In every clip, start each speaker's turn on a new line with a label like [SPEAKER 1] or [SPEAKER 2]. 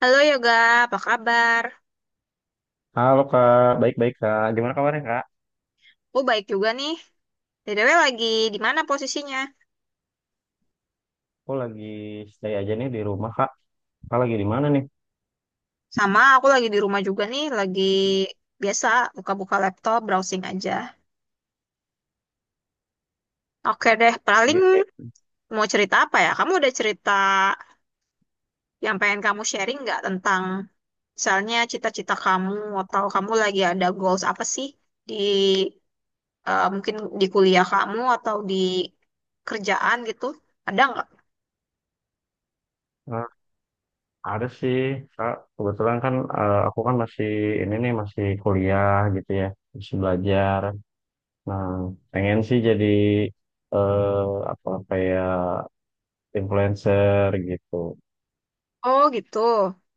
[SPEAKER 1] Halo Yoga, apa kabar?
[SPEAKER 2] Halo Kak, baik-baik Kak. Gimana kabarnya Kak?
[SPEAKER 1] Aku baik juga nih. BTW lagi di mana posisinya?
[SPEAKER 2] Aku lagi stay aja nih di rumah Kak. Kak lagi di mana nih?
[SPEAKER 1] Sama, aku lagi di rumah juga nih, lagi biasa buka-buka laptop, browsing aja. Oke deh, paling
[SPEAKER 2] Di-
[SPEAKER 1] mau cerita apa ya? Kamu udah cerita yang pengen kamu sharing nggak tentang misalnya cita-cita kamu atau kamu lagi ada goals apa sih di mungkin di kuliah kamu atau di kerjaan gitu? Ada nggak?
[SPEAKER 2] eh, ada sih Kak. Kebetulan kan aku kan masih ini nih masih kuliah gitu ya, masih belajar. Nah, pengen sih jadi eh apa kayak influencer gitu.
[SPEAKER 1] Oh gitu.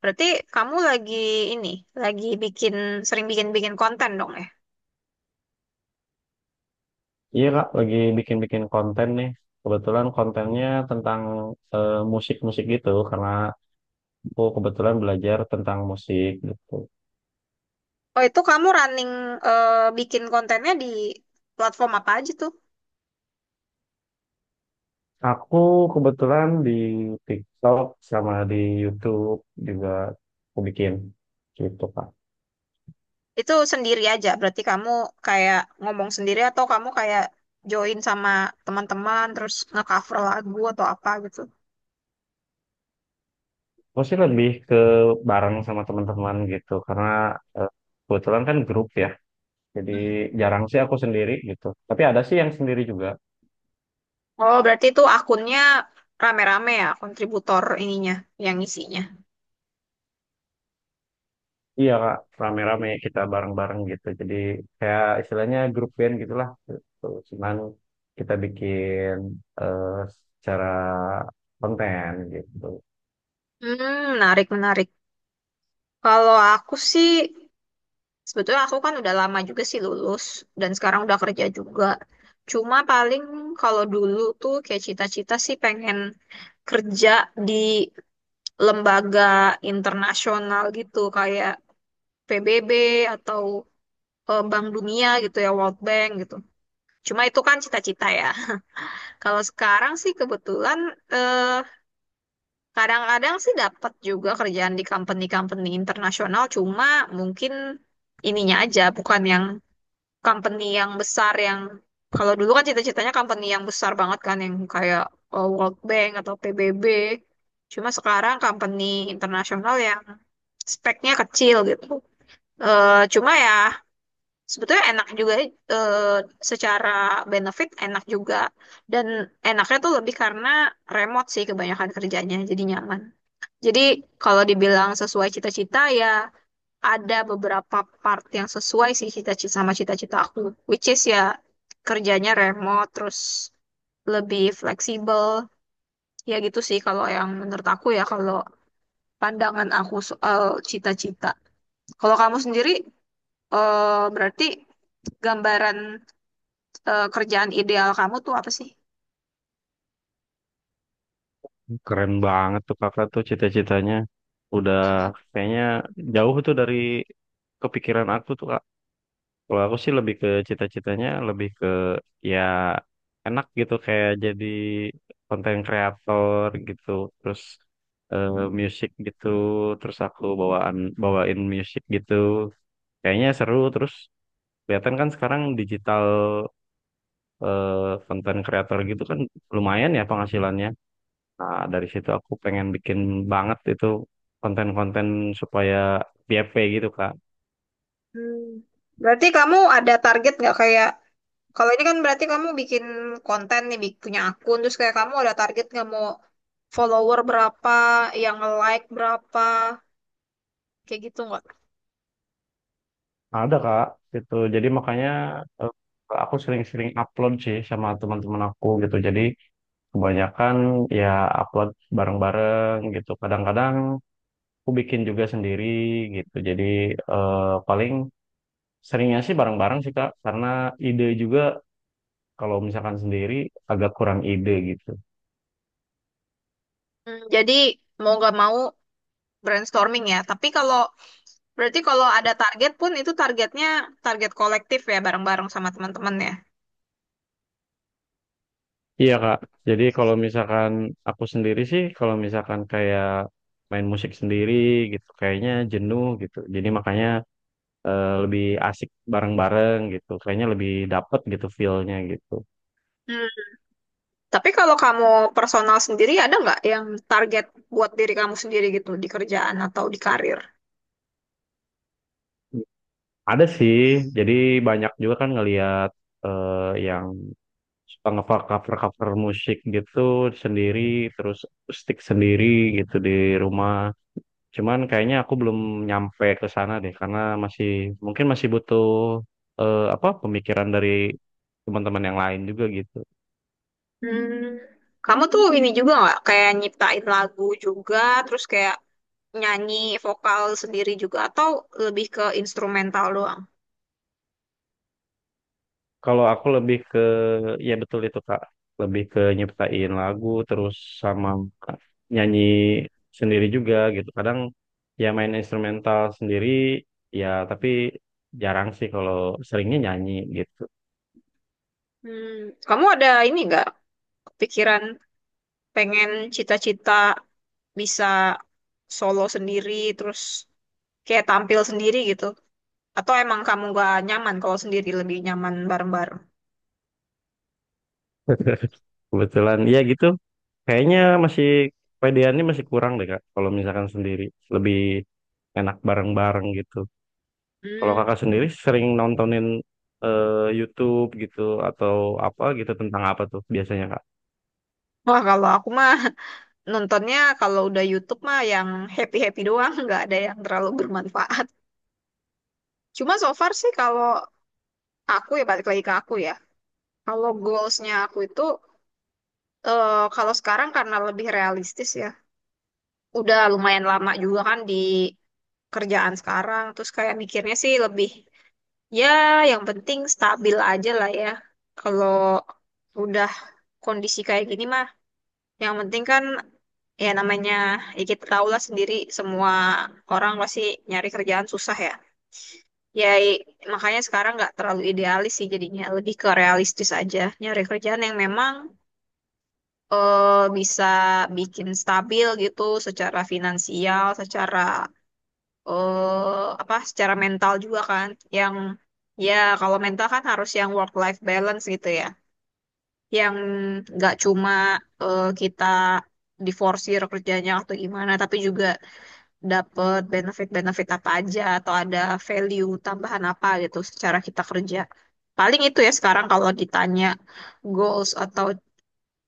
[SPEAKER 1] Berarti kamu lagi ini, lagi bikin, sering bikin-bikin konten dong ya?
[SPEAKER 2] Iya Kak, lagi bikin-bikin konten nih. Kebetulan kontennya tentang musik-musik gitu karena aku kebetulan belajar tentang musik gitu.
[SPEAKER 1] Oh itu kamu running bikin kontennya di platform apa aja tuh?
[SPEAKER 2] Aku kebetulan di TikTok sama di YouTube juga aku bikin gitu Kak.
[SPEAKER 1] Itu sendiri aja, berarti kamu kayak ngomong sendiri atau kamu kayak join sama teman-teman terus nge-cover lagu atau apa gitu?
[SPEAKER 2] Aku sih lebih ke bareng sama teman-teman gitu karena eh, kebetulan kan grup ya. Jadi
[SPEAKER 1] Mm.
[SPEAKER 2] jarang sih aku sendiri gitu. Tapi ada sih yang sendiri juga.
[SPEAKER 1] Oh berarti itu akunnya rame-rame ya, kontributor ininya, yang isinya.
[SPEAKER 2] Iya Kak, rame-rame kita bareng-bareng gitu. Jadi kayak istilahnya grup band gitulah. Gitu. Cuman kita bikin eh, secara konten gitu.
[SPEAKER 1] Hmm, menarik, menarik. Kalau aku sih Sebetulnya aku kan udah lama juga sih lulus dan sekarang udah kerja juga. Cuma paling kalau dulu tuh kayak cita-cita sih pengen kerja di lembaga internasional gitu kayak PBB atau Bank Dunia gitu ya, World Bank gitu. Cuma itu kan cita-cita ya. Kalau sekarang sih kebetulan eh, kadang-kadang sih dapat juga kerjaan di company-company internasional. Cuma mungkin ininya aja bukan yang company yang besar yang kalau dulu kan cita-citanya company yang besar banget kan yang kayak World Bank atau PBB. Cuma sekarang company internasional yang speknya kecil gitu. Cuma ya sebetulnya enak juga eh, secara benefit enak juga dan enaknya tuh lebih karena remote sih kebanyakan kerjanya jadi nyaman. Jadi kalau dibilang sesuai cita-cita ya ada beberapa part yang sesuai sih cita-cita sama cita-cita aku, which is ya kerjanya remote, terus lebih fleksibel, ya gitu sih kalau yang menurut aku ya kalau pandangan aku soal cita-cita. Kalau kamu sendiri, berarti gambaran kerjaan ideal kamu tuh apa sih?
[SPEAKER 2] Keren banget tuh kakak tuh cita-citanya. Udah kayaknya jauh tuh dari kepikiran aku tuh kak. Kalau aku sih lebih ke cita-citanya lebih ke ya enak gitu kayak jadi konten kreator gitu. Terus eh, musik gitu. Terus aku bawain musik gitu. Kayaknya seru terus kelihatan kan sekarang digital eh, konten kreator gitu kan lumayan ya penghasilannya. Nah, dari situ aku pengen bikin banget itu konten-konten supaya PFP gitu, Kak.
[SPEAKER 1] Hmm. Berarti kamu ada target nggak kayak? Kalau ini kan berarti kamu bikin konten nih, punya akun, terus kayak kamu ada target nggak mau follower berapa, yang like berapa, kayak gitu nggak?
[SPEAKER 2] Ada, Kak, gitu. Jadi makanya eh, aku sering-sering upload sih sama teman-teman aku gitu. Jadi kebanyakan ya upload bareng-bareng gitu. Kadang-kadang aku bikin juga sendiri gitu. Jadi paling seringnya sih bareng-bareng sih, Kak, karena ide juga kalau misalkan sendiri agak kurang ide gitu.
[SPEAKER 1] Hmm, jadi mau nggak mau brainstorming ya. Tapi kalau berarti kalau ada target pun itu targetnya target kolektif ya, bareng-bareng sama teman-teman ya.
[SPEAKER 2] Iya Kak, jadi kalau misalkan aku sendiri sih, kalau misalkan kayak main musik sendiri gitu, kayaknya jenuh gitu. Jadi makanya lebih asik bareng-bareng gitu, kayaknya lebih dapet gitu feel-nya gitu.
[SPEAKER 1] Hmm, tapi kalau kamu personal sendiri ada nggak yang target buat diri kamu sendiri gitu di kerjaan atau di karir?
[SPEAKER 2] Ada sih, jadi banyak juga kan ngelihat eh, yang suka nge-cover cover cover musik gitu sendiri, terus stick sendiri gitu di rumah. Cuman kayaknya aku belum nyampe ke sana deh karena masih mungkin masih butuh apa pemikiran dari teman-teman yang lain juga gitu.
[SPEAKER 1] Hmm, kamu tuh ini juga nggak kayak nyiptain lagu juga, terus kayak nyanyi vokal sendiri juga, atau lebih ke instrumental doang?
[SPEAKER 2] Kalau aku lebih ke ya betul itu Kak, lebih ke nyiptain lagu terus sama nyanyi sendiri juga gitu. Kadang ya main instrumental sendiri ya tapi jarang sih kalau seringnya nyanyi gitu.
[SPEAKER 1] Hmm, kamu ada ini nggak pikiran pengen cita-cita bisa solo sendiri, terus kayak tampil sendiri gitu? Atau emang kamu nggak nyaman kalau sendiri, lebih nyaman bareng-bareng?
[SPEAKER 2] Kebetulan ya gitu. Kayaknya masih pedeannya masih kurang deh Kak, kalau misalkan sendiri. Lebih enak bareng-bareng gitu. Kalau
[SPEAKER 1] Hmm,
[SPEAKER 2] Kakak sendiri sering nontonin YouTube gitu atau apa gitu tentang apa tuh biasanya Kak?
[SPEAKER 1] wah kalau aku mah nontonnya kalau udah YouTube mah yang happy-happy doang, nggak ada yang terlalu bermanfaat. Cuma so far sih kalau aku ya balik lagi ke aku ya. Kalau goalsnya aku itu eh, kalau sekarang karena lebih realistis ya. Udah lumayan lama juga kan di kerjaan sekarang. Terus kayak mikirnya sih lebih ya yang penting stabil aja lah ya. Kalau udah kondisi kayak gini mah yang penting kan ya namanya ya kita tahu lah sendiri semua orang pasti nyari kerjaan susah ya. Ya, makanya sekarang nggak terlalu idealis sih jadinya, lebih ke realistis aja. Nyari kerjaan yang memang eh, bisa bikin stabil gitu secara finansial, secara apa, secara mental juga kan. Yang ya kalau mental kan harus yang work life balance gitu ya. Yang nggak cuma kita diforsir kerjanya atau gimana, tapi juga dapat benefit-benefit apa aja atau ada value tambahan apa gitu secara kita kerja. Paling itu ya sekarang kalau ditanya goals atau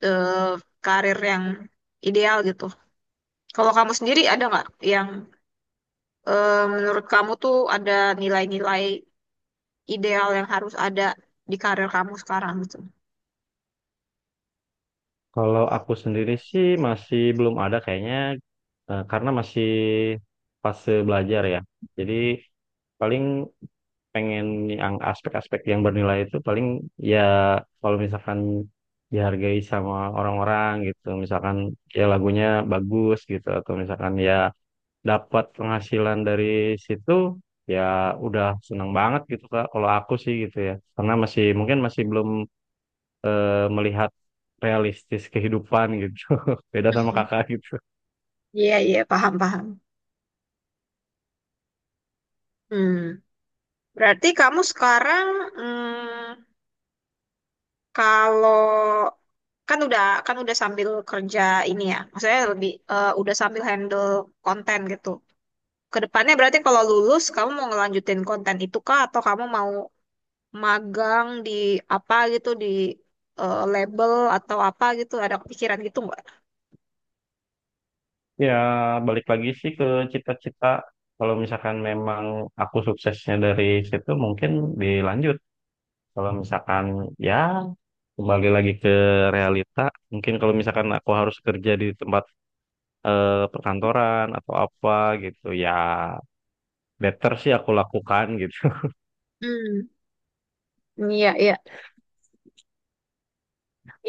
[SPEAKER 1] eh, karir yang ideal gitu. Kalau kamu sendiri ada nggak yang menurut kamu tuh ada nilai-nilai ideal yang harus ada di karir kamu sekarang gitu?
[SPEAKER 2] Kalau aku sendiri sih masih belum ada kayaknya karena masih fase belajar ya. Jadi paling pengen yang aspek-aspek yang bernilai itu paling ya kalau misalkan dihargai sama orang-orang gitu misalkan ya lagunya bagus gitu atau misalkan ya dapat penghasilan dari situ ya udah seneng banget gitu Kak kalau aku sih gitu ya karena masih mungkin masih belum melihat realistis kehidupan gitu. Beda sama
[SPEAKER 1] Mhm.
[SPEAKER 2] kakak gitu.
[SPEAKER 1] Iya, iya, paham, paham. Hmm. Berarti kamu sekarang hmm, kalau kan udah sambil kerja ini ya, maksudnya lebih udah sambil handle konten gitu. Kedepannya berarti kalau lulus kamu mau ngelanjutin konten itu kah atau kamu mau magang di apa gitu di label atau apa gitu ada kepikiran gitu nggak?
[SPEAKER 2] Ya, balik lagi sih ke cita-cita. Kalau misalkan memang aku suksesnya dari situ, mungkin dilanjut. Kalau misalkan ya kembali lagi ke realita, mungkin kalau misalkan aku harus kerja di tempat perkantoran atau apa gitu, ya better sih aku lakukan gitu.
[SPEAKER 1] Hmm, iya, iya,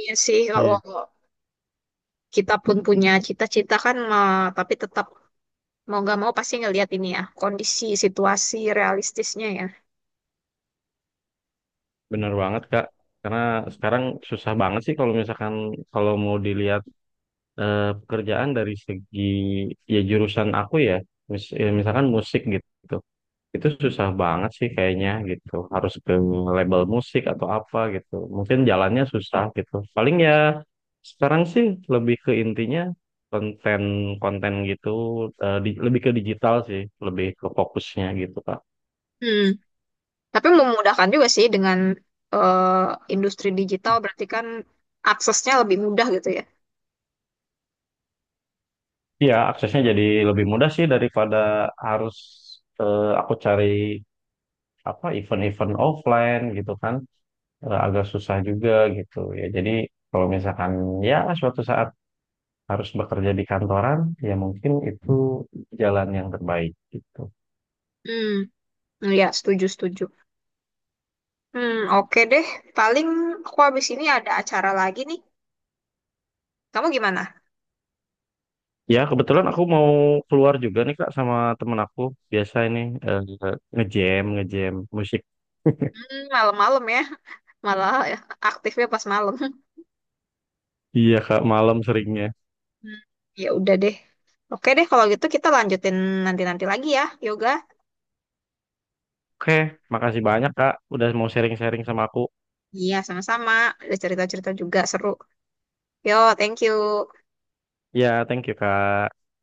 [SPEAKER 1] iya sih kalau
[SPEAKER 2] Iya,
[SPEAKER 1] kita pun punya cita-cita kan tapi tetap mau nggak mau pasti ngelihat ini ya kondisi situasi realistisnya ya.
[SPEAKER 2] bener banget, Kak. Karena sekarang susah banget sih kalau misalkan kalau mau dilihat pekerjaan dari segi ya jurusan aku ya, ya, misalkan musik gitu. Itu susah banget sih kayaknya gitu harus ke label musik atau apa gitu mungkin jalannya susah gitu paling ya sekarang sih lebih ke intinya konten konten gitu lebih ke digital sih lebih ke fokusnya gitu Pak.
[SPEAKER 1] Hmm. Tapi memudahkan juga sih dengan eh, industri digital berarti kan aksesnya lebih mudah gitu ya.
[SPEAKER 2] Iya aksesnya jadi lebih mudah sih daripada harus aku cari apa event-event offline gitu kan. Eh, agak susah juga gitu ya jadi kalau misalkan ya suatu saat harus bekerja di kantoran, ya mungkin itu jalan yang terbaik gitu.
[SPEAKER 1] Hmm, ya setuju, setuju. Hmm, oke deh. Paling aku habis ini ada acara lagi nih. Kamu gimana?
[SPEAKER 2] Ya, kebetulan aku mau keluar juga nih Kak sama temen aku. Biasa ini eh, ngejam, ngejam musik.
[SPEAKER 1] Hmm, malam-malam ya. Malah ya, aktifnya pas malam.
[SPEAKER 2] Iya Kak, malam seringnya.
[SPEAKER 1] Hmm, ya udah deh. Oke deh kalau gitu kita lanjutin nanti-nanti lagi ya Yoga.
[SPEAKER 2] Oke, makasih banyak Kak udah mau sharing-sharing sama aku.
[SPEAKER 1] Iya sama-sama. Ada cerita-cerita juga seru. Yo, thank you.
[SPEAKER 2] Ya, thank you Kak.